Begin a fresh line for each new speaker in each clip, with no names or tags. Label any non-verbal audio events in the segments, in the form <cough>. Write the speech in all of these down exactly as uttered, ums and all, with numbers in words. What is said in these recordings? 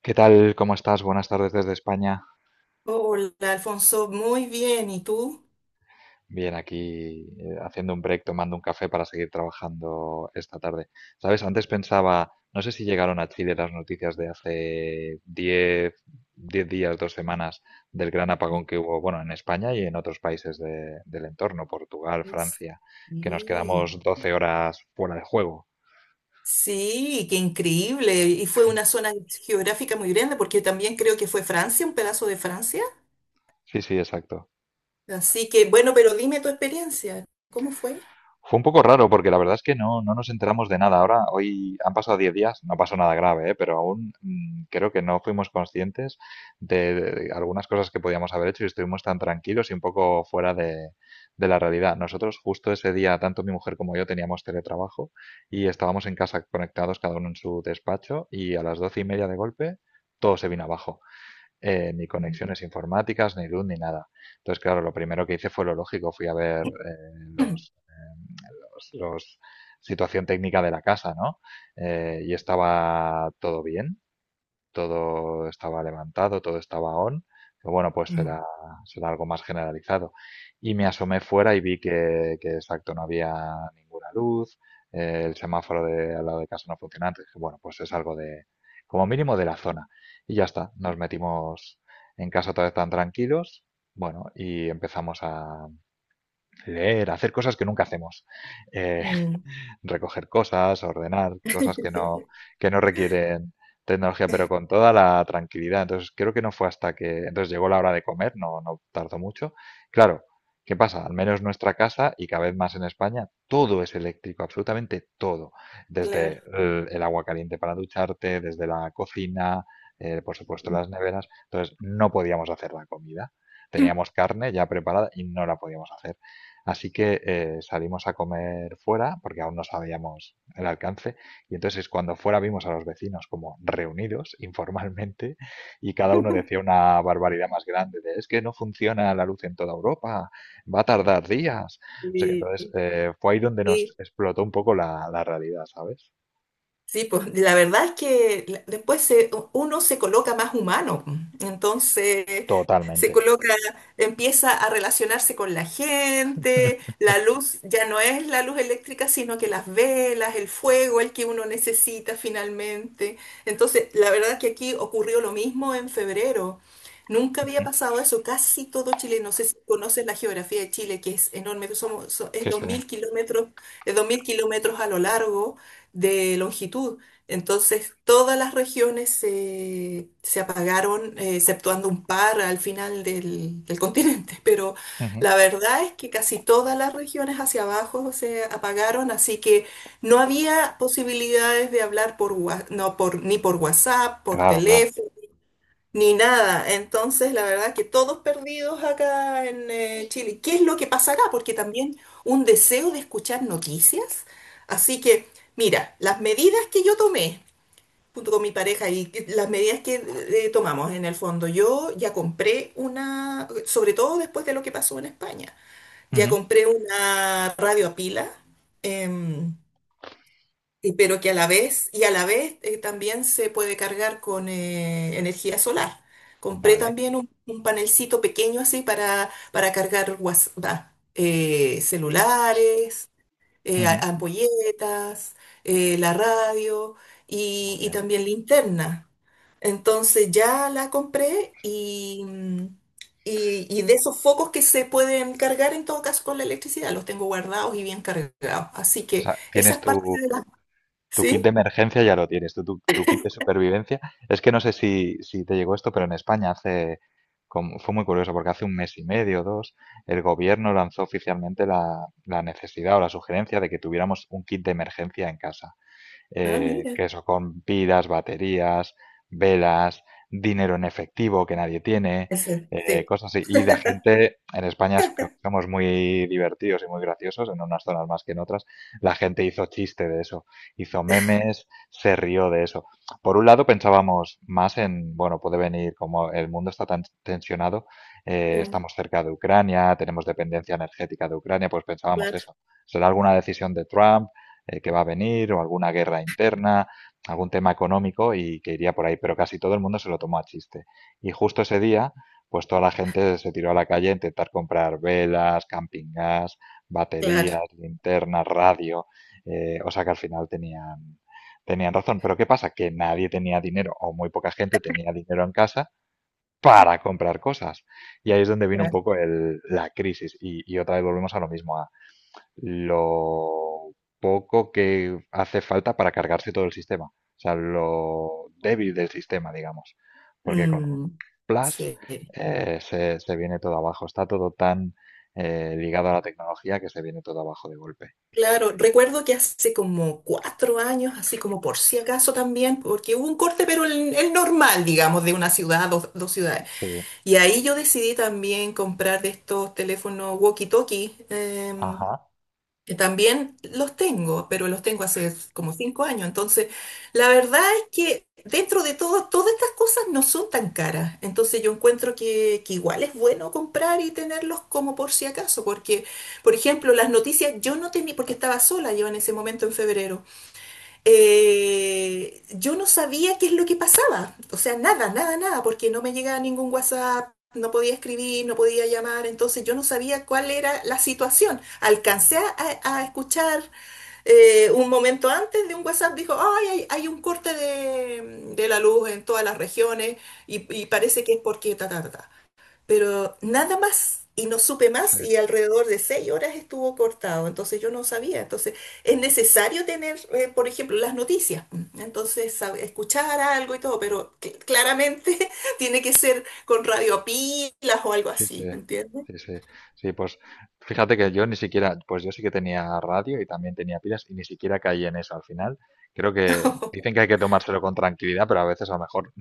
¿Qué tal? ¿Cómo estás? Buenas tardes desde España.
Hola, Alfonso, muy bien. ¿Y tú?
Bien, aquí eh, haciendo un break, tomando un café para seguir trabajando esta tarde. ¿Sabes? Antes pensaba, no sé si llegaron a Chile las noticias de hace diez 10 días, dos semanas, del gran apagón que hubo, bueno, en España y en otros países de- del entorno, Portugal,
Es-
Francia, que nos
Sí.
quedamos doce horas fuera de juego.
Sí, qué increíble. Y fue una zona geográfica muy grande porque también creo que fue Francia, un pedazo de Francia.
Sí, sí, exacto.
Así que, bueno, pero dime tu experiencia. ¿Cómo fue?
Fue un poco raro porque la verdad es que no, no nos enteramos de nada. Ahora, hoy han pasado diez días, no pasó nada grave, ¿eh? Pero aún mm, creo que no fuimos conscientes de, de algunas cosas que podíamos haber hecho y estuvimos tan tranquilos y un poco fuera de, de la realidad. Nosotros justo ese día, tanto mi mujer como yo teníamos teletrabajo y estábamos en casa conectados cada uno en su despacho y a las doce y media de golpe todo se vino abajo, eh, ni
Mm.
conexiones informáticas, ni luz, ni nada. Entonces, claro, lo primero que hice fue lo lógico, fui a ver eh, los,
<clears throat>
eh, los, los situación técnica de la casa, ¿no? Eh, y estaba todo bien, todo estaba levantado, todo estaba on, pero bueno, pues
Mm.
será, será algo más generalizado. Y me asomé fuera y vi que, que, exacto, no había ninguna luz, eh, el semáforo de, al lado de casa no funcionaba, entonces dije, bueno, pues es algo de, como mínimo de la zona. Y ya está, nos metimos en casa otra vez tan tranquilos, bueno, y empezamos a leer, a hacer cosas que nunca hacemos. Eh,
Mm.
Recoger cosas, ordenar cosas que
<laughs>
no, que no requieren tecnología, pero con toda la tranquilidad. Entonces, creo que no fue hasta que, entonces llegó la hora de comer, no, no tardó mucho. Claro, ¿qué pasa? Al menos nuestra casa y cada vez más en España, todo es eléctrico, absolutamente todo.
Claro.
Desde el, el agua caliente para ducharte, desde la cocina, eh, por supuesto las neveras. Entonces, no podíamos hacer la comida. Teníamos carne ya preparada y no la podíamos hacer. Así que eh, salimos a comer fuera porque aún no sabíamos el alcance y entonces cuando fuera vimos a los vecinos como reunidos <laughs> informalmente y cada uno decía
<laughs>
una barbaridad más grande de es que no funciona la luz en toda Europa, va a tardar días. O sea que
Sí,
entonces eh, fue ahí donde nos
sí.
explotó un poco la, la realidad, ¿sabes?
Sí, pues la verdad es que la- después se- uno se coloca más humano, pues. Entonces se
Totalmente.
coloca, empieza a relacionarse con la gente, la luz ya no es la luz eléctrica, sino que las velas, el fuego, el que uno necesita finalmente. Entonces, la verdad es que aquí ocurrió lo mismo en febrero. Nunca había
Ujú.
pasado eso, casi todo Chile, no sé si conoces la geografía de Chile, que es enorme, somos, so- es
Sí,
dos
sí.
mil kilómetros, es dos mil kilómetros a lo largo de longitud. Entonces, todas las regiones se, se apagaron, eh, exceptuando un par al final del, del <laughs> continente. Pero
Ujú,
la verdad es que casi todas las regiones hacia abajo se apagaron, así que no había posibilidades de hablar por, wa- no, por, ni por WhatsApp, por
claro, claro.
teléfono ni nada. Entonces, la verdad que todos perdidos acá en eh, Chile. ¿Qué es lo que pasará? Porque también un deseo de escuchar noticias. Así que, mira, las medidas que yo tomé junto con mi pareja y que- las medidas que eh, eh, tomamos en el fondo, yo ya compré una, sobre todo después de lo que pasó en España, ya
Ujú.
compré una radio a pila. em, y- pero que a la vez, y a la vez eh, también se puede cargar con eh, energía solar. Compré
Vale.
también un, un panelcito pequeño así para, para cargar guas- va, eh, celulares, eh, a-
Ujú.
ampolletas, eh, la radio
Muy
y, y
bien.
también linterna. Entonces ya la compré y, mm, y, y de esos focos que se pueden cargar en todo caso con la electricidad, los tengo guardados y bien cargados. Así
O
que
sea,
esa
tienes
es parte
tu,
de la.
tu kit de
Sí.
emergencia ya lo tienes, tu, tu, tu kit de supervivencia. Es que no sé si, si te llegó esto, pero en España hace, como- fue muy curioso porque hace un mes y medio, dos, el gobierno lanzó oficialmente la, la necesidad o la sugerencia de que tuviéramos un kit de emergencia en casa,
Ah,
eh,
mira.
que eso con pilas, baterías, velas, dinero en efectivo que nadie tiene,
Ese,
eh,
sí.
cosas así. Y la gente en España es que somos muy divertidos y muy graciosos, en unas zonas más que en otras. La gente hizo chiste de eso, hizo memes, se rió de eso. Por un lado pensábamos más en, bueno, puede venir como el mundo está tan tensionado, eh,
Ah,
estamos cerca de Ucrania, tenemos dependencia energética de Ucrania, pues pensábamos
claro,
eso. ¿Será alguna decisión de Trump? Eh, que va a venir o alguna guerra interna, algún tema económico y que iría por ahí, pero casi todo el mundo se lo tomó a chiste. Y justo ese día, pues toda la gente se tiró a la calle a intentar comprar velas, camping gas,
claro,
baterías, linternas, radio, eh, o sea que al final tenían, tenían razón. Pero ¿qué pasa? Que nadie tenía dinero o muy poca gente tenía dinero en casa para comprar cosas. Y ahí es donde vino un
claro.
poco el- la crisis. Y, y otra vez volvemos a lo mismo, a, lo poco que hace falta para cargarse todo el sistema, o sea, lo débil del sistema, digamos, porque con un
Mm,
plus
sí.
eh, se, se viene todo abajo, está todo tan eh, ligado a la tecnología que se viene todo abajo de golpe.
Claro, recuerdo que hace como cuatro años, así como por si acaso también, porque hubo un corte, pero el, el normal, digamos, de una ciudad, dos, dos ciudades.
Sí,
Y ahí yo decidí también comprar de estos teléfonos walkie-talkie, em,
ajá,
que también los tengo, pero los tengo hace como cinco años. Entonces, la verdad es que dentro de todo, todas estas cosas no son tan caras. Entonces, yo encuentro que, que igual es bueno comprar y tenerlos como por si acaso, porque, por ejemplo, las noticias yo no tenía, porque estaba sola yo en ese momento en febrero, eh, yo no sabía qué es lo que pasaba. O sea, nada, nada, nada, porque no me llegaba ningún WhatsApp, no podía escribir, no podía llamar, entonces yo no sabía cuál era la situación. Alcancé a, a escuchar eh, un momento antes de un WhatsApp, dijo: "Ay, hay, hay un corte de, de la luz en todas las regiones y, y parece que es porque ta, ta, ta, ta". Pero nada más. Y no supe más y alrededor de seis horas estuvo cortado, entonces yo no sabía. Entonces es necesario tener, eh, por ejemplo, las noticias, mm, entonces sab- escuchar algo y todo, pero cl- claramente <laughs> tiene que ser con radio pilas o algo
sí, sí,
así, ¿me entiendes?
sí, sí, sí, pues fíjate que yo ni siquiera, pues yo sí que tenía radio y también tenía pilas y ni siquiera caí en eso al final. Creo que dicen que
<laughs>
hay que tomárselo con tranquilidad, pero a veces a lo mejor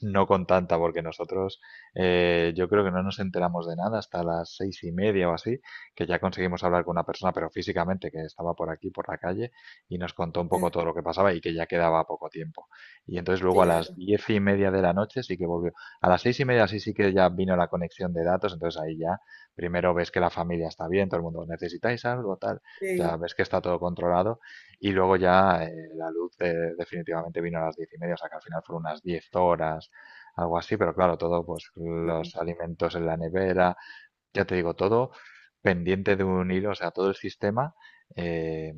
no con tanta, porque nosotros eh, yo creo que no nos enteramos de nada hasta las seis y media o así, que ya conseguimos hablar con una persona, pero físicamente, que estaba por aquí, por la calle, y nos contó un poco
Eh,
todo lo que pasaba y que ya quedaba poco tiempo. Y entonces luego a las
Claro,
diez y media de la noche sí que volvió. A las seis y media sí, sí que ya vino la conexión de datos, entonces ahí ya primero ves que la familia está bien, todo el mundo necesitáis algo, tal,
sí.
ya ves que está todo controlado y luego ya eh, la luz eh, definitivamente vino a las diez y media, o sea que al final fueron unas diez horas algo así, pero claro, todo, pues
Sí,
los
sí.
alimentos en la nevera, ya te digo, todo pendiente de un hilo, o sea, todo el sistema eh,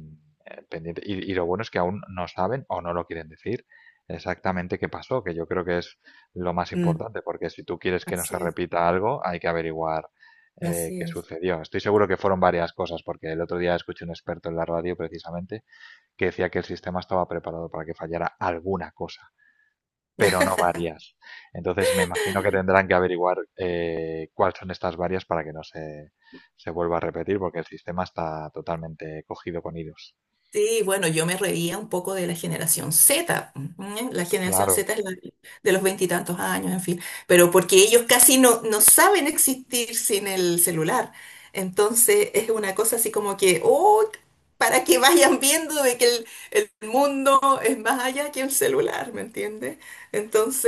eh, pendiente. Y, y lo bueno es que aún no saben o no lo quieren decir exactamente qué pasó, que yo creo que es lo más
Mm,
importante, porque si tú quieres que no se
así es.
repita algo, hay que averiguar eh,
Así
qué
es.
sucedió. Estoy seguro que fueron varias cosas, porque el otro día escuché un experto en la radio precisamente que decía que el sistema estaba preparado para que fallara alguna cosa pero no
<laughs>
varias. Entonces me imagino que tendrán que averiguar eh, cuáles son estas varias para que no se, se vuelva a repetir, porque el sistema está totalmente cogido con hilos.
Sí, bueno, yo me reía un poco de la generación zeta. ¿Eh? La generación
Claro,
Z es la de los veintitantos años, en fin, pero porque ellos casi no, no saben existir sin el celular. Entonces es una cosa así como que, oh, para que vayan viendo de que el, el mundo es más allá que el celular, ¿me entiendes?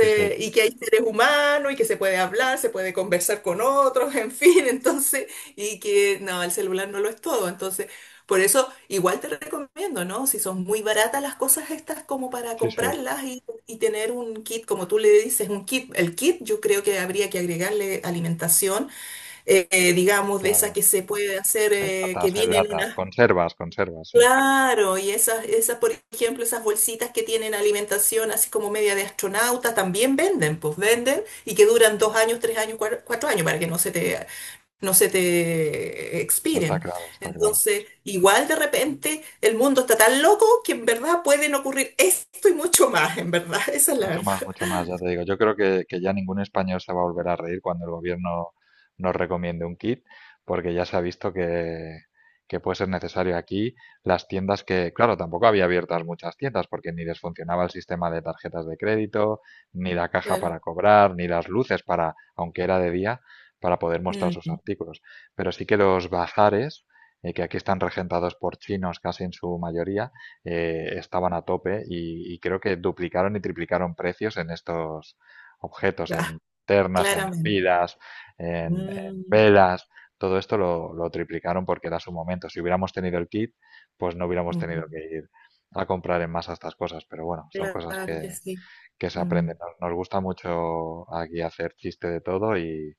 sí, sí,
y que hay seres humanos y que se puede hablar, se puede conversar con otros, en fin, <laughs> entonces, y que no, el celular no lo es todo. Entonces, por eso igual te recomiendo, ¿no? Si son muy baratas las cosas estas como para
sí, sí,
comprarlas y, y tener un kit, como tú le dices, un kit. El kit yo creo que habría que agregarle alimentación, eh, eh, digamos, de esas
claro.
que se puede hacer,
De
eh, que
datas, el
vienen
datas,
unas.
conservas, conservas, sí.
Claro, y esas, esas, por ejemplo, esas bolsitas que tienen alimentación así como media de astronauta, también venden, pues venden y que duran dos años, tres años, cuar- cuatro años para que no se te no se te eh,
No está
expiren.
claro, está claro.
Entonces, igual de repente el mundo está tan loco que en verdad pueden ocurrir esto y mucho más, en verdad. <laughs> Esa es la
Mucho más,
verdad.
mucho más, ya te digo. Yo creo que, que ya ningún español se va a volver a reír cuando el gobierno nos recomiende un kit, porque ya se ha visto que, que puede ser necesario aquí. Las tiendas que, claro, tampoco había abiertas muchas tiendas, porque ni les funcionaba el sistema de tarjetas de crédito, ni la caja
Claro.
para cobrar, ni las luces para, aunque era de día, para poder mostrar sus
Mm,
artículos. Pero sí que los bazares, eh, que aquí están regentados por chinos casi en su mayoría, eh, estaban a tope y, y creo que duplicaron y triplicaron precios en estos objetos, en
ah,
ternas, en
claramente.
pilas, en, en
Mm.
velas. Todo esto lo, lo triplicaron porque era su momento. Si hubiéramos tenido el kit, pues no hubiéramos tenido que
Mm,
ir a comprar en masa estas cosas. Pero bueno, son cosas
claro
que,
que sí.
que se
Mm,
aprende. Nos, nos gusta mucho aquí hacer chiste de todo y,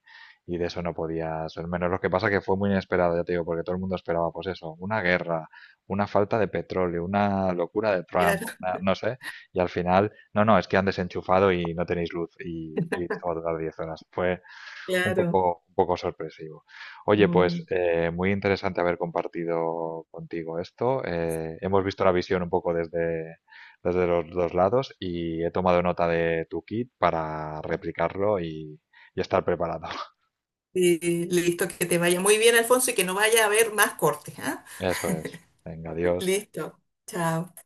y de eso no podía ser menos. Lo que pasa que fue muy inesperado, ya te digo, porque todo el mundo esperaba, pues eso, una guerra, una falta de petróleo, una locura de Trump,
claro,
una- no sé, y al final, no, no, es que han desenchufado y no tenéis luz y, y esto va a durar diez horas. Fue un
claro.
poco, un poco sorpresivo. Oye, pues
Mm.
eh, muy interesante haber compartido contigo esto. Eh, hemos visto la visión un poco desde, desde los dos lados y he tomado nota de tu kit para replicarlo y, y estar preparado. <laughs>
Sí, listo, que te vaya muy bien, Alfonso, y que no vaya a haber más cortes, ¿ah?
Eso es. Venga,
<laughs>
adiós.
Listo. Chao.